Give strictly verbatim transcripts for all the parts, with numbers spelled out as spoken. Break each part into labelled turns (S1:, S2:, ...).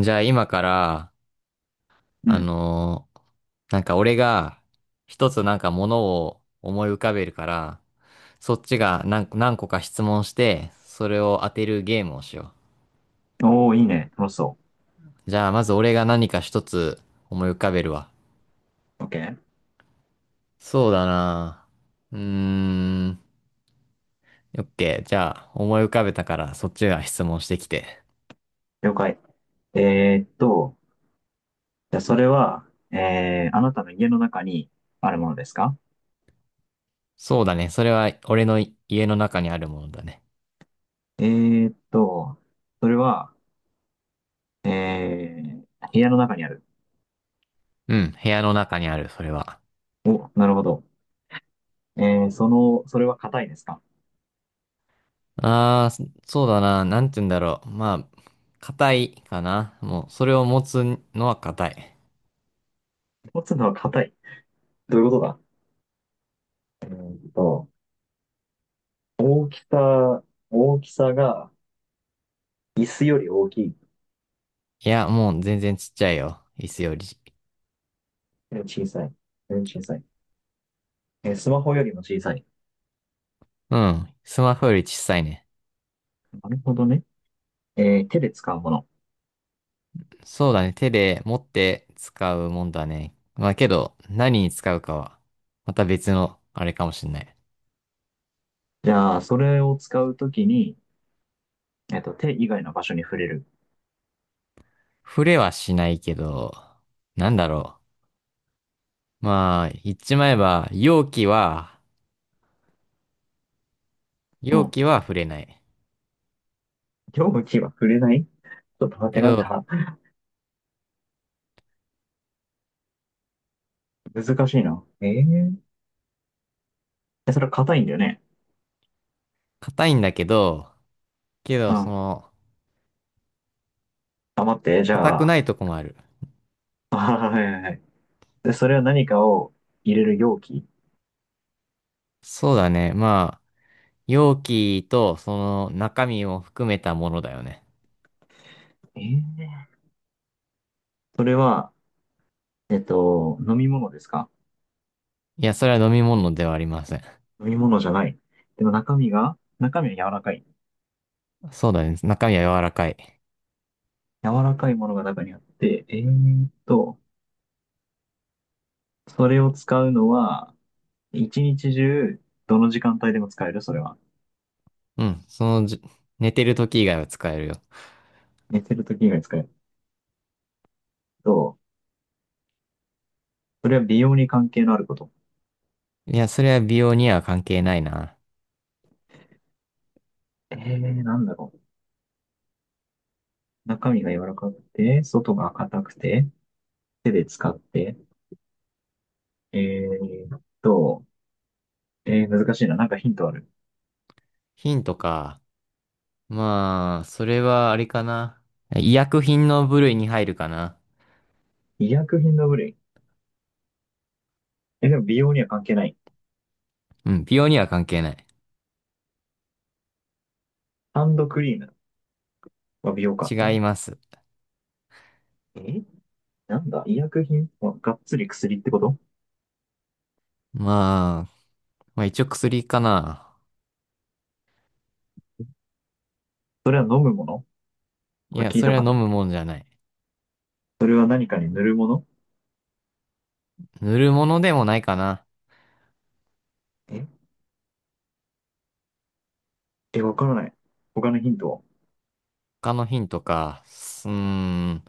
S1: じゃあ今から、
S2: う
S1: あ
S2: ん。
S1: のーなんか俺が一つなんかものを思い浮かべるから、そっちが何、何個か質問して、それを当てるゲームをしよ
S2: おー、いいね。楽しそ
S1: う。じゃあまず俺が何か一つ思い浮かべるわ。
S2: う。OK。
S1: そうだな。うーん。オッケー。じゃあ思い浮かべたからそっちが質問してきて。
S2: 了解。えーっと、じゃあそれは、えー、あなたの家の中にあるものですか？
S1: そうだね。それは俺の家の中にあるものだね。
S2: えーっと、それは、えー、部屋の中にある。
S1: うん。部屋の中にある、それは。
S2: お、なるほど。えー、その、それは硬いですか？
S1: ああ、そそうだな。なんて言うんだろう。まあ、硬いかな。もう、それを持つのは硬い。
S2: 持つのは硬い。どういうことだ？えーっと、大きさ、大きさが、椅子より大きい。
S1: いや、もう全然ちっちゃいよ。椅子より。
S2: えー小さい。えー小さい。えースマホよりも小さい。
S1: うん。スマホより小さいね。
S2: なるほどね。えー、手で使うもの。
S1: そうだね。手で持って使うもんだね。まあけど、何に使うかは、また別の、あれかもしんない。
S2: じゃあ、それを使うときに、えっと、手以外の場所に触れる。
S1: 触れはしないけど、なんだろう。まあ、言っちまえば、容器は、
S2: う
S1: 容
S2: ん。
S1: 器は触れない。
S2: 容器は触れない。ちょっと待って、
S1: け
S2: なん
S1: ど、
S2: だ。 難しいな。えーえ、それは硬いんだよね。
S1: 硬いんだけど、け
S2: う
S1: ど、そ
S2: ん。
S1: の、
S2: あ、待って、じ
S1: 硬
S2: ゃ
S1: くな
S2: あ、
S1: いとこもある。
S2: あ、はいはいはい。で、それは何かを入れる容器？
S1: そうだね。まあ、容器とその中身を含めたものだよね。
S2: えーそれは、えっと、飲み物ですか？
S1: いや、それは飲み物ではありません。
S2: 飲み物じゃない。でも中身が、中身は柔らかい。
S1: そうだね。中身は柔らかい。
S2: 柔らかいものが中にあって、えーっと、それを使うのは、一日中、どの時間帯でも使える。それは。
S1: うん。そのじ、寝てる時以外は使えるよ。
S2: 寝てる時以外使えると、それは美容に関係のあること？
S1: いや、それは美容には関係ないな。
S2: えー、なんだろう。中身が柔らかくて、外が硬くて、手で使って、えーっと、えー、難しいな。なんかヒントある？
S1: ヒントか。まあ、それはあれかな。医薬品の部類に入るかな。
S2: 医薬品の部類。え、でも美容には関係ない。
S1: うん。美容には関係ない。
S2: ハンドクリームは美容か。う
S1: 違
S2: ん。
S1: います。
S2: え、なんだ。医薬品はがっつり薬ってこと？
S1: まあ、まあ一応薬かな。
S2: それは飲むもの？
S1: い
S2: これ
S1: や、
S2: 聞い
S1: そ
S2: た
S1: れは
S2: か
S1: 飲
S2: な？
S1: むもんじゃない。
S2: それは何かに塗るもの？
S1: 塗るものでもないかな。
S2: ええ、わからない。他のヒントは？
S1: 他のヒントか。すうーん。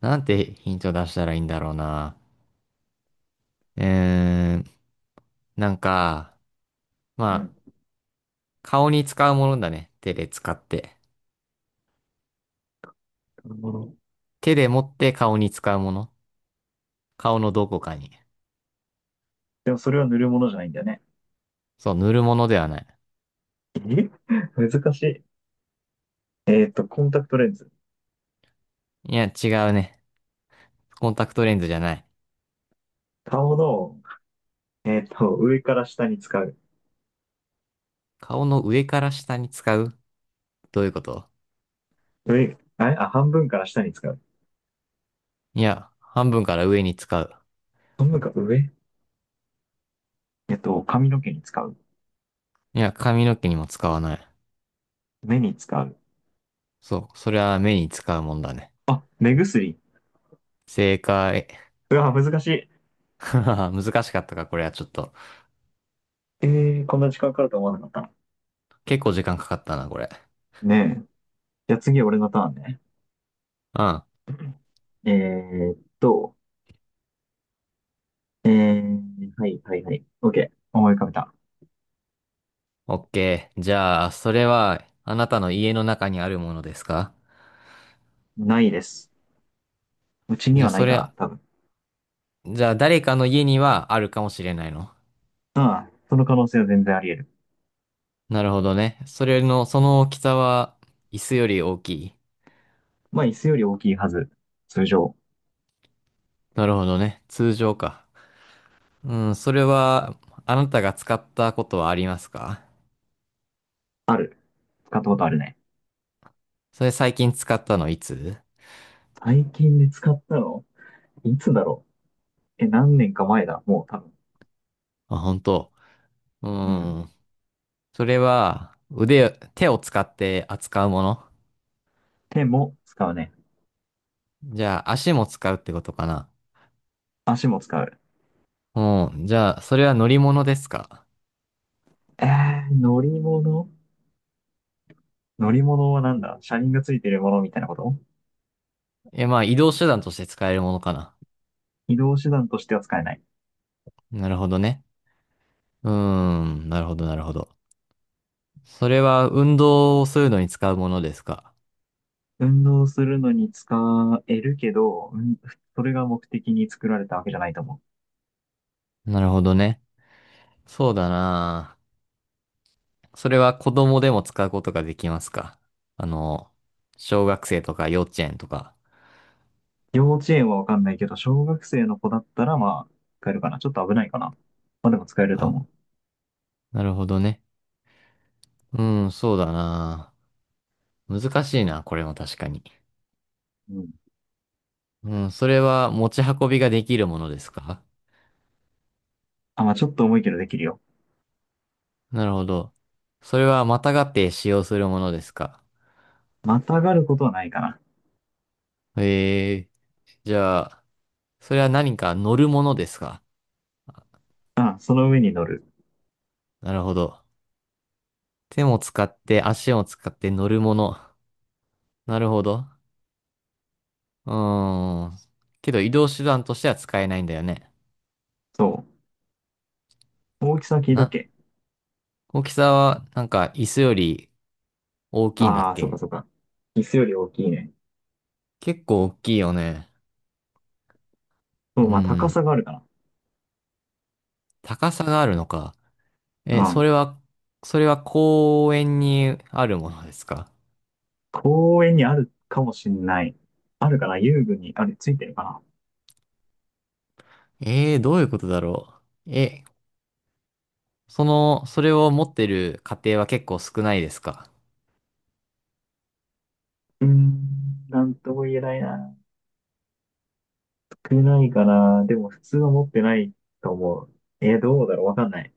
S1: なんてヒント出したらいいんだろうな。うーん。なんか、ま
S2: う
S1: あ、
S2: ん。
S1: 顔に使うものだね。手で使って。
S2: 塗るもの。
S1: 手で持って顔に使うもの。顔のどこかに。
S2: でもそれは塗るものじゃないんだよね。
S1: そう、塗るものではない。
S2: え、難しい。えっと、コンタクトレンズ。
S1: いや、違うね。コンタクトレンズじゃない。
S2: 顔の、えっと、上から下に使う。
S1: 顔の上から下に使う？どういうこと？
S2: 上、あれ、あ、半分から下に使う。
S1: いや、半分から上に使う。
S2: 半分か上？えっと、髪の毛に使う。
S1: いや、髪の毛にも使わない。
S2: 目に使う。
S1: そう、それは目に使うもんだね。
S2: 目薬。
S1: 正解。
S2: うわ、難しい。
S1: 難しかったか、これはちょっと。
S2: えー、こんな時間かかると思わなかったな。
S1: 結構時間かかったな、これ。
S2: ねえ。じゃあ次、俺のターンね。
S1: うん。
S2: えーっと、えー、はいはいはい。OK。思い浮かべた。
S1: オッケー。じゃあ、それは、あなたの家の中にあるものですか？
S2: ないです。うち
S1: じ
S2: に
S1: ゃあ、
S2: はな
S1: そ
S2: い
S1: れ
S2: かな、
S1: は、
S2: 多分。
S1: じゃあ、誰かの家にはあるかもしれないの？
S2: ああ、その可能性は全然あり得る。
S1: なるほどね。それの、その大きさは、椅子より大きい。
S2: まあ、椅子より大きいはず。通常、
S1: なるほどね。通常か。うん、それは、あなたが使ったことはありますか？
S2: 使ったことあるね。
S1: それ最近使ったのいつ？
S2: 最近で使ったの、いつだろう。え、何年か前だ。もう多分。
S1: あ、本当。う
S2: うん。
S1: ん。それは、腕、手を使って扱うもの？
S2: 手も使うね。
S1: じゃあ、足も使うってことかな？
S2: 足も使う。
S1: うん。じゃあ、それは乗り物ですか？
S2: えー、乗り物？乗り物はなんだ。車輪がついてるものみたいなこと？
S1: いや、まあ、移動手段として使えるものかな。
S2: 移動手段としては使えない。
S1: なるほどね。うーん。なるほど、なるほど。それは運動をするのに使うものですか？
S2: 運動するのに使えるけど、うん、それが目的に作られたわけじゃないと思う。
S1: なるほどね。そうだな。それは子供でも使うことができますか？あの、小学生とか幼稚園とか。
S2: 幼稚園はわかんないけど、小学生の子だったら、まあ、使えるかな。ちょっと危ないかな。まあでも使えると
S1: あ、
S2: 思
S1: なるほどね。うん、そうだな。難しいな、これも確かに。
S2: う。うん。
S1: うん、それは持ち運びができるものですか？
S2: あ、まあちょっと重いけどできるよ。
S1: なるほど。それはまたがって使用するものですか？
S2: またがることはないかな。
S1: ええ。じゃあ、それは何か乗るものですか？
S2: あ、その上に乗る。
S1: なるほど。手も使って足も使って乗るもの。なるほど。うーん。けど移動手段としては使えないんだよね。
S2: そう。大きさ聞いたっ
S1: な、
S2: け？
S1: 大きさはなんか椅子より大きいんだっ
S2: ああー、そう
S1: け？
S2: かそうか。椅子より大きいね。
S1: 結構大きいよね。
S2: そ
S1: う
S2: う、まあ高
S1: ーん。
S2: さがあるかな。
S1: 高さがあるのか。
S2: う
S1: え、そ
S2: ん。
S1: れは、それは公園にあるものですか？
S2: 公園にあるかもしんない。あるかな？遊具にある、ついてるかな？
S1: ええー、どういうことだろう。え、その、それを持ってる家庭は結構少ないですか？
S2: うーん、なんとも言えないな。少ないかな。でも普通は持ってないと思う。えー、どうだろう。わかんない。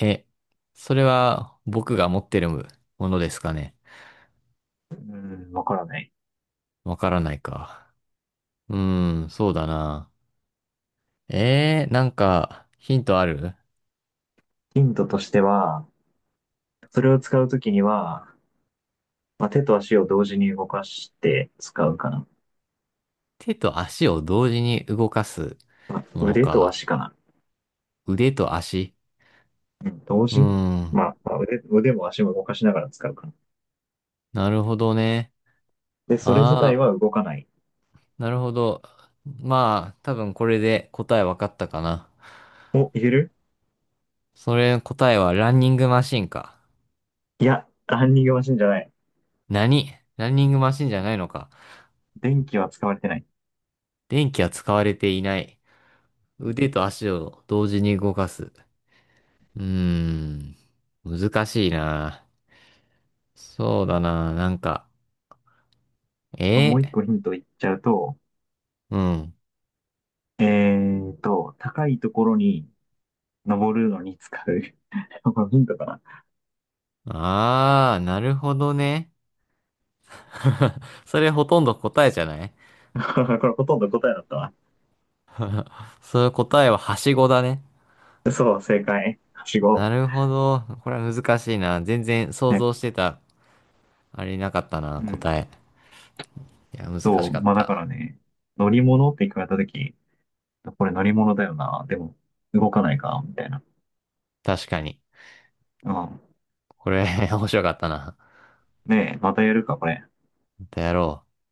S1: え、それは僕が持ってるものですかね。
S2: うーん、わからない。
S1: わからないか。うーん、そうだな。えー、なんか、ヒントある？
S2: ヒントとしては、それを使うときには、まあ、手と足を同時に動かして使うかな。
S1: 手と足を同時に動かすもの
S2: 腕と
S1: か。
S2: 足かな。
S1: 腕と足。
S2: うん、同
S1: うー
S2: 時。
S1: ん、
S2: まあ、まあ腕、腕も足も動かしながら使うか。
S1: なるほどね。
S2: で、それ自体
S1: ああ、
S2: は動かない。
S1: なるほど。まあ、多分これで答えわかったかな。
S2: お、いける？
S1: それの答えはランニングマシンか？
S2: いや、ランニングマシンじゃない。
S1: 何ランニングマシンじゃないのか？
S2: 電気は使われてない。
S1: 電気は使われていない。
S2: うん。
S1: 腕と足を同時に動かす。うーん。難しいな。そうだな。なんか、
S2: も
S1: え
S2: う一個ヒント言っちゃうと、
S1: ー、うん。
S2: えーと、高いところに登るのに使う。これヒントか
S1: あー、なるほどね。それほとんど答えじゃない？
S2: な？ これほとんど答えだったわ。
S1: それ答えははしごだね。
S2: そう、正解。はしご。
S1: なるほど。これは難しいな。全然想
S2: ね、
S1: 像してた、あれなかった
S2: う
S1: な、
S2: ん。
S1: 答え。いや、難
S2: そ
S1: し
S2: う、
S1: かっ
S2: まあだか
S1: た。
S2: らね、乗り物って聞かれたとき、これ乗り物だよな。でも、動かないか、みたいな。
S1: 確かに。
S2: うん。
S1: これ、面白かったな。
S2: ねえ、またやるか、これ。
S1: またやろう。